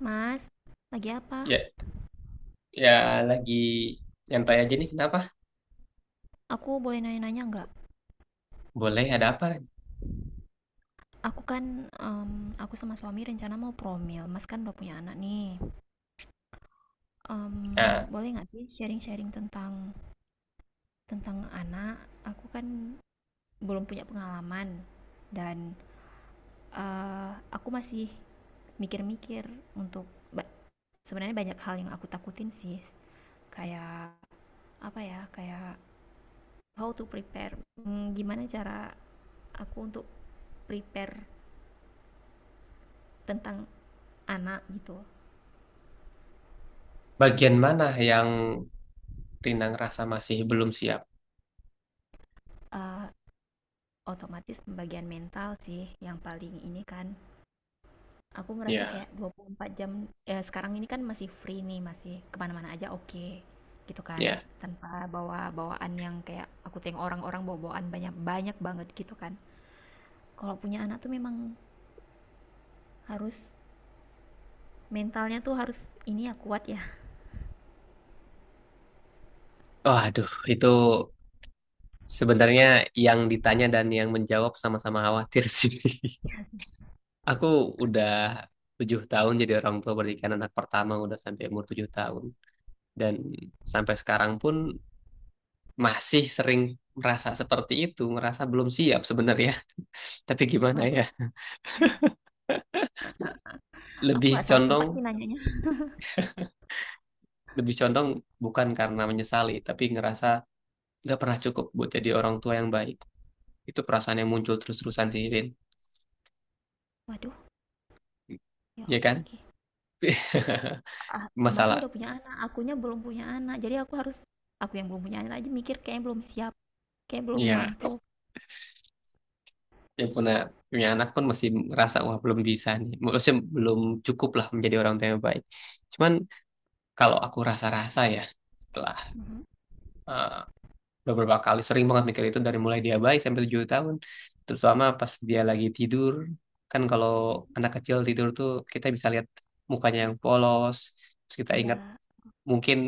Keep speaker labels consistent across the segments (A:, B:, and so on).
A: Mas, lagi apa?
B: Ya, ya lagi nyantai aja nih. Kenapa?
A: Aku boleh nanya-nanya nggak?
B: Boleh, ada apa?
A: Aku sama suami rencana mau promil. Mas kan udah punya anak nih. Em,
B: Ah,
A: boleh nggak sih sharing-sharing tentang tentang anak? Aku kan belum punya pengalaman dan aku masih mikir-mikir untuk ba- sebenarnya banyak hal yang aku takutin sih. Kayak apa ya? Kayak how to prepare. Gimana cara aku untuk prepare tentang anak gitu?
B: bagian mana yang Rina ngerasa masih belum siap?
A: Eh, Otomatis pembagian mental sih yang paling ini kan. Aku ngerasa
B: Ya,
A: kayak 24 jam ya sekarang ini kan masih free nih, masih kemana-mana aja oke gitu kan.
B: ya.
A: Tanpa bawa bawaan yang kayak aku tengok orang-orang bawa bawaan banyak-banyak banget gitu kan. Kalau punya anak tuh memang harus mentalnya tuh harus ini ya kuat ya.
B: Oh, aduh, itu sebenarnya yang ditanya dan yang menjawab sama-sama khawatir sih. Aku udah 7 tahun jadi orang tua berikan anak pertama udah sampai umur 7 tahun dan sampai sekarang pun masih sering merasa seperti itu, merasa belum siap sebenarnya. Tapi gimana ya?
A: Waduh, aku
B: Lebih
A: nggak salah
B: condong
A: tempat sih nanyanya.
B: lebih condong bukan karena menyesali, tapi ngerasa nggak pernah cukup buat jadi orang tua yang baik. Itu perasaan yang muncul terus-terusan sih, Rin.
A: Waduh, ya
B: Ya
A: apa
B: kan?
A: iki? Ah, Masnya
B: Masalah.
A: udah punya anak, akunya belum punya anak. Jadi aku yang belum punya anak aja mikir kayaknya belum siap, kayak belum
B: Ya,
A: mampu.
B: yang punya punya anak pun masih ngerasa wah belum bisa nih. Maksudnya belum cukup lah menjadi orang tua yang baik. Cuman kalau aku rasa-rasa ya setelah
A: Mhm.
B: eh, beberapa kali sering banget mikir itu dari mulai dia bayi sampai 7 tahun terutama pas dia lagi tidur kan kalau anak kecil tidur tuh kita bisa lihat mukanya yang polos terus kita ingat
A: Iya,
B: mungkin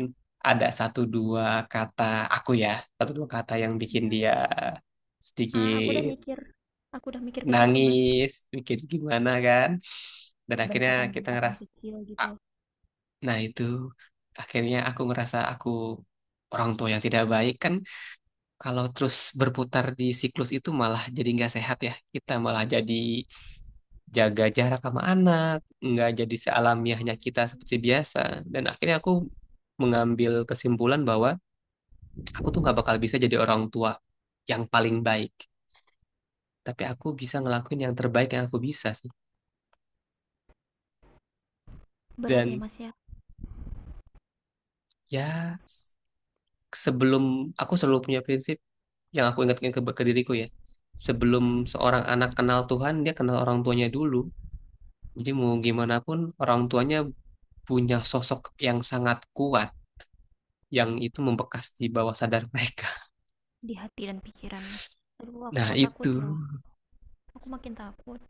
B: ada satu dua kata aku ya satu dua kata yang bikin
A: iya.
B: dia
A: Ah,
B: sedikit
A: aku udah mikir ke situ, Mas.
B: nangis bikin gimana kan dan akhirnya kita
A: Bentakan-bentakan
B: ngeras
A: kecil gitu.
B: ah, nah itu akhirnya aku ngerasa aku orang tua yang tidak baik kan kalau terus berputar di siklus itu malah jadi nggak sehat ya. Kita malah jadi jaga jarak sama anak, nggak jadi sealamiahnya kita seperti biasa. Dan akhirnya aku mengambil kesimpulan bahwa aku tuh nggak bakal bisa jadi orang tua yang paling baik. Tapi aku bisa ngelakuin yang terbaik yang aku bisa sih.
A: Berat ya,
B: Dan
A: Mas ya.
B: ya s- sebelum aku selalu punya prinsip yang aku ingatkan ke diriku ya. Sebelum
A: Mm-mm.
B: seorang anak kenal Tuhan, dia kenal orang tuanya dulu. Jadi mau gimana pun orang tuanya punya sosok yang sangat kuat yang itu membekas di bawah sadar mereka.
A: Di hati dan pikirannya. Aduh, aku
B: Nah,
A: kok
B: itu.
A: takut ya. Aku makin takut.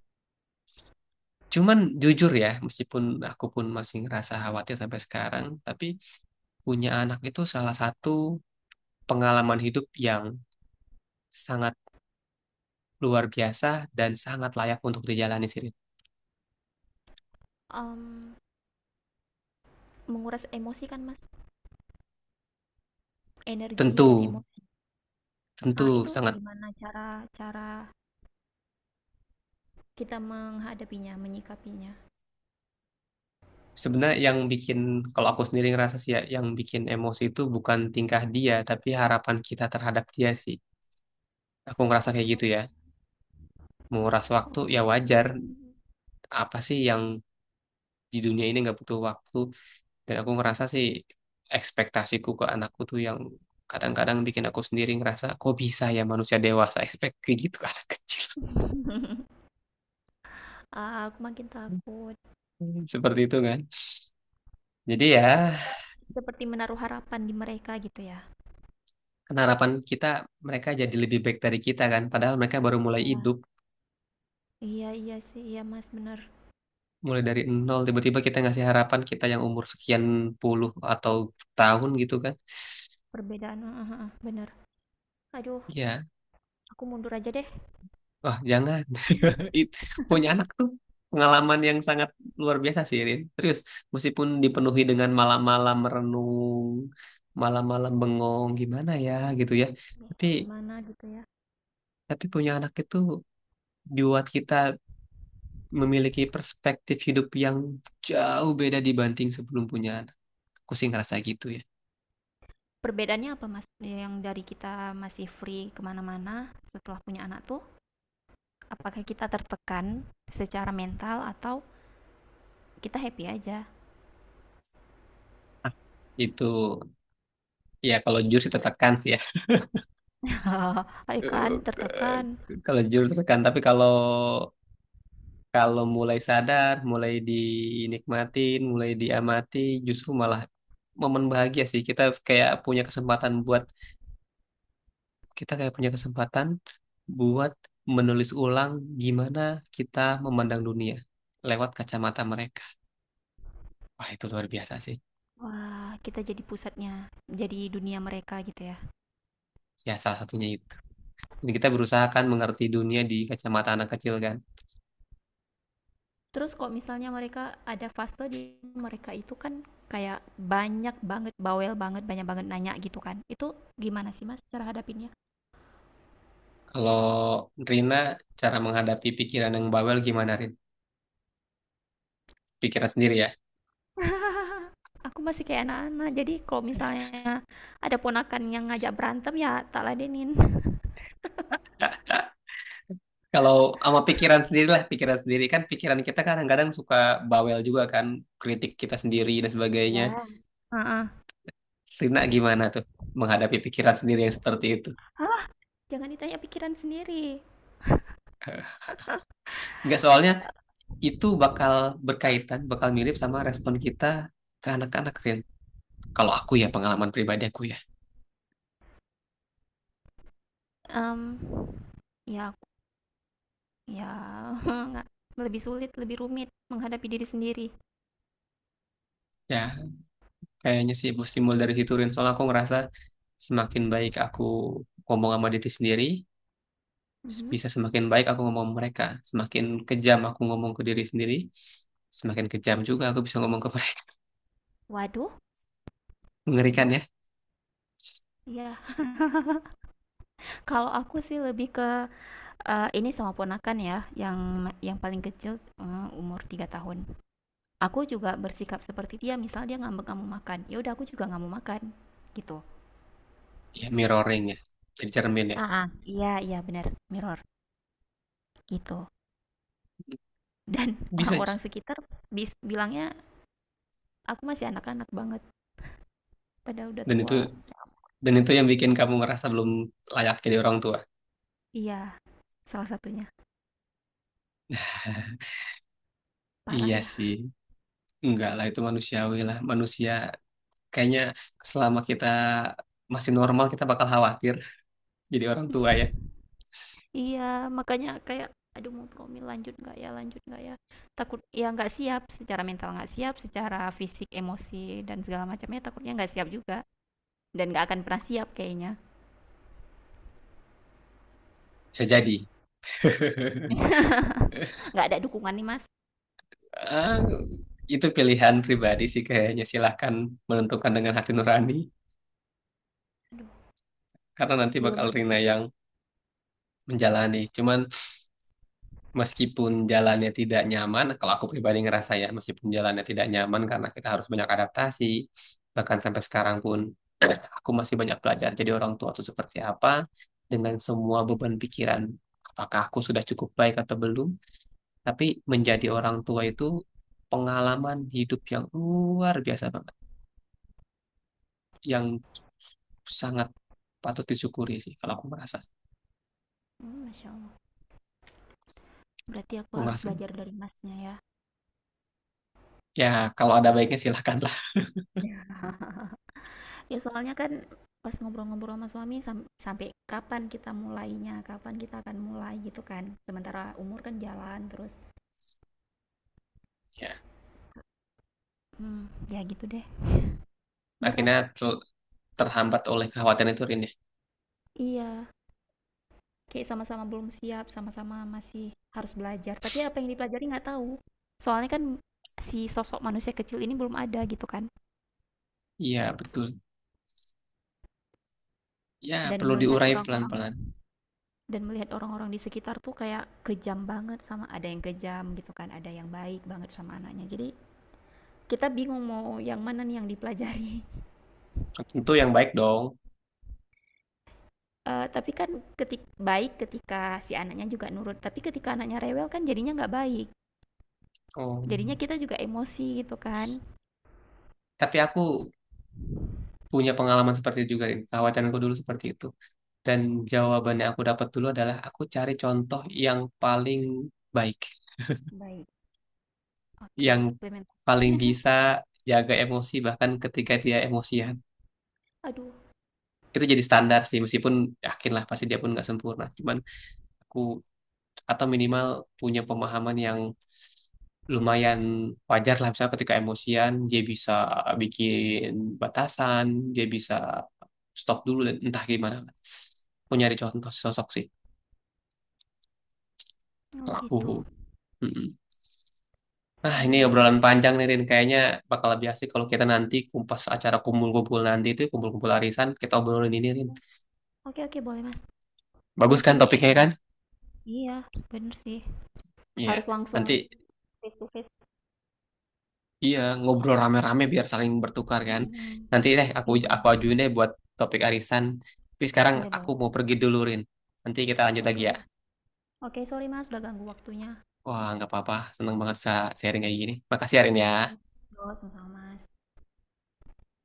B: Cuman jujur ya, meskipun aku pun masih ngerasa khawatir sampai sekarang, tapi punya anak itu salah satu pengalaman hidup yang sangat luar biasa dan sangat layak untuk dijalani sih. Rin.
A: Em, menguras emosi kan, Mas. Energi
B: Tentu,
A: dan emosi.
B: tentu
A: Ah, itu
B: sangat.
A: gimana cara cara kita menghadapinya, menyikapinya?
B: Sebenarnya yang bikin, kalau aku sendiri ngerasa sih ya, yang bikin emosi itu bukan tingkah dia, tapi harapan kita terhadap dia sih, aku ngerasa kayak
A: Oh.
B: gitu ya. Menguras waktu ya wajar, apa sih yang di dunia ini nggak butuh waktu? Dan aku ngerasa sih ekspektasiku ke anakku tuh yang kadang-kadang bikin aku sendiri ngerasa kok bisa ya manusia dewasa expect kayak gitu ke anak kecil.
A: Ah, aku makin takut.
B: Hmm, seperti itu kan, jadi ya
A: Seperti menaruh harapan di mereka gitu ya.
B: kan harapan kita mereka jadi lebih baik dari kita kan, padahal mereka baru mulai
A: Ya,
B: hidup,
A: iya iya sih, iya Mas, bener.
B: mulai dari nol, tiba-tiba kita ngasih harapan kita yang umur sekian puluh atau tahun gitu kan.
A: Perbedaan, heeh, heeh, bener. Aduh,
B: Ya,
A: aku mundur aja deh.
B: wah jangan. It, Punya anak tuh pengalaman yang sangat luar biasa sih, Rin. Terus, meskipun dipenuhi dengan malam-malam merenung, malam-malam bengong, gimana ya gitu ya. Tapi,
A: Besok gimana gitu ya?
B: tapi punya anak itu buat kita memiliki perspektif hidup yang jauh beda dibanding sebelum punya anak. Aku sih ngerasa gitu ya.
A: Perbedaannya apa, mas, yang dari kita masih free kemana-mana setelah punya anak tuh? Apakah kita tertekan secara mental atau kita happy aja?
B: Itu, ya kalau jujur sih tertekan sih ya.
A: Ayo kan tertekan.
B: Kalau jujur tertekan, tapi kalau kalau mulai sadar, mulai dinikmatin, mulai diamati, justru malah momen bahagia sih. Kayak punya kesempatan buat Kita kayak punya kesempatan buat menulis ulang gimana kita memandang dunia lewat kacamata mereka. Wah, itu luar biasa sih.
A: Wah, kita jadi pusatnya, jadi dunia mereka gitu ya.
B: Ya, salah satunya itu. Jadi kita berusaha kan mengerti dunia di kacamata anak kecil kan.
A: Terus kalau misalnya mereka ada fase di mereka itu kan kayak banyak banget bawel banget banyak banget nanya gitu kan, itu gimana sih, mas, cara hadapinnya?
B: Kalau Rina, cara menghadapi pikiran yang bawel gimana, Rin? Pikiran sendiri ya.
A: Aku masih kayak anak-anak, jadi kalau misalnya ada ponakan yang ngajak berantem ya tak ladenin.
B: Kalau sama pikiran sendiri lah, pikiran sendiri kan, pikiran kita kadang-kadang suka bawel juga kan, kritik kita sendiri dan sebagainya.
A: Ya,
B: Rina gimana tuh menghadapi pikiran sendiri yang seperti itu?
A: jangan ditanya pikiran sendiri.
B: Enggak, soalnya itu bakal berkaitan, bakal mirip sama respon kita ke anak-anak, Rin. Kalau aku ya pengalaman pribadi aku ya,
A: Um, ya, ya lebih sulit lebih rumit menghadapi diri sendiri.
B: ya kayaknya sih simul dari situ, Rin. Soalnya aku ngerasa semakin baik aku ngomong sama diri sendiri,
A: Mhm.
B: bisa semakin baik aku ngomong ke mereka. Semakin kejam aku ngomong ke diri sendiri, semakin kejam juga aku bisa ngomong ke mereka.
A: Waduh,
B: Mengerikan
A: aduh.
B: ya?
A: Iya, kalau aku sih lebih ke ini sama ponakan ya, yang paling kecil, umur 3 tahun. Aku juga bersikap seperti dia, misal dia ngambek nggak mau makan, ya udah aku juga nggak mau makan, gitu.
B: Ya, mirroring ya, jadi cermin ya.
A: Heeh, iya iya benar, mirror gitu. Dan
B: Bisa.
A: orang-orang sekitar bilangnya aku masih anak-anak banget, padahal udah
B: Dan itu
A: tua.
B: dan itu yang bikin kamu ngerasa belum layak jadi orang tua.
A: Iya, salah satunya. Parah
B: Iya
A: ya.
B: sih, enggak lah, itu manusiawi lah. Manusia kayaknya selama kita masih normal kita bakal khawatir jadi orang tua ya.
A: Iya, makanya kayak aduh mau promil lanjut nggak ya lanjut nggak ya, takut ya, nggak siap secara mental, nggak siap secara fisik emosi dan segala macamnya. Takutnya nggak siap juga dan nggak akan pernah siap kayaknya.
B: Bisa jadi.
A: Nggak ada dukungan nih, mas.
B: Ah, itu pilihan pribadi sih kayaknya. Silahkan menentukan dengan hati nurani, karena nanti
A: Belum
B: bakal
A: lagi.
B: Rina yang menjalani. Cuman meskipun jalannya tidak nyaman, kalau aku pribadi ngerasa ya, meskipun jalannya tidak nyaman karena kita harus banyak adaptasi, bahkan sampai sekarang pun aku masih banyak belajar jadi orang tua itu seperti apa, dengan semua beban pikiran, apakah aku sudah cukup baik atau belum, tapi menjadi
A: Mm,
B: orang tua itu pengalaman hidup yang luar biasa banget. Yang sangat patut disyukuri sih, kalau
A: mm, masya allah, berarti aku
B: aku
A: harus
B: merasa gitu.
A: belajar dari masnya ya.
B: Ya kalau ada baiknya silakanlah.
A: Ya soalnya kan pas ngobrol-ngobrol sama suami sampai kapan kita mulainya, kapan kita akan mulai gitu kan. Sementara umur kan jalan terus.
B: Ya
A: Hmm, ya gitu deh. Berat.
B: akhirnya terhambat oleh kekhawatiran itu, Rin ya.
A: Iya. Kayak sama-sama belum siap, sama-sama masih harus belajar. Tapi apa yang dipelajari nggak tahu. Soalnya kan si sosok manusia kecil ini belum ada gitu kan.
B: Iya betul, ya
A: Dan
B: perlu
A: melihat
B: diurai pelan-pelan.
A: orang-orang dan melihat orang-orang di sekitar tuh kayak kejam banget sama, ada yang kejam gitu kan, ada yang baik banget sama anaknya. Jadi kita bingung mau yang mana nih yang dipelajari.
B: Tentu yang baik dong.
A: Eh, tapi kan ketik baik ketika si anaknya juga nurut, tapi ketika anaknya rewel kan jadinya nggak baik,
B: Oh.
A: jadinya kita juga emosi gitu kan.
B: Tapi aku punya pengalaman seperti itu juga, Rin, kekhawatiranku dulu seperti itu. Dan jawaban yang aku dapat dulu adalah aku cari contoh yang paling baik,
A: Baik. Oke,
B: yang
A: implement.
B: paling bisa jaga emosi bahkan ketika dia emosian.
A: Aduh.
B: Itu jadi standar sih, meskipun yakin lah pasti dia pun nggak sempurna, cuman aku atau minimal punya pemahaman yang lumayan wajar lah, misalnya ketika emosian dia bisa bikin batasan, dia bisa stop dulu dan entah gimana lah. Aku nyari contoh sosok sih,
A: Oh
B: pelaku.
A: gitu.
B: Mm-mm. Ah, ini
A: Iya iya.
B: obrolan panjang nih, Rin, kayaknya bakal lebih asik kalau kita nanti kumpas acara kumpul-kumpul, nanti itu kumpul-kumpul arisan kita obrolin ini, Rin.
A: Oke, okay, oke, okay, boleh mas. Ya
B: Bagus
A: sih,
B: kan
A: Me.
B: topiknya kan.
A: Iya, bener sih.
B: Iya.
A: Harus langsung
B: Nanti.
A: face to face.
B: Iya, ngobrol rame-rame biar saling bertukar kan.
A: Mm-mm.
B: Nanti deh aku
A: Iya.
B: aku ajuin deh buat topik arisan. Tapi sekarang
A: Boleh
B: aku
A: boleh.
B: mau pergi dulu, Rin. Nanti kita lanjut
A: Boleh
B: lagi
A: boleh
B: ya.
A: mas. Oke, okay, sorry mas, udah ganggu waktunya.
B: Wah, nggak apa-apa. Seneng banget bisa sharing kayak gini. Makasih, ya, Rin
A: Iya.
B: ya.
A: Yo, sama-sama mas.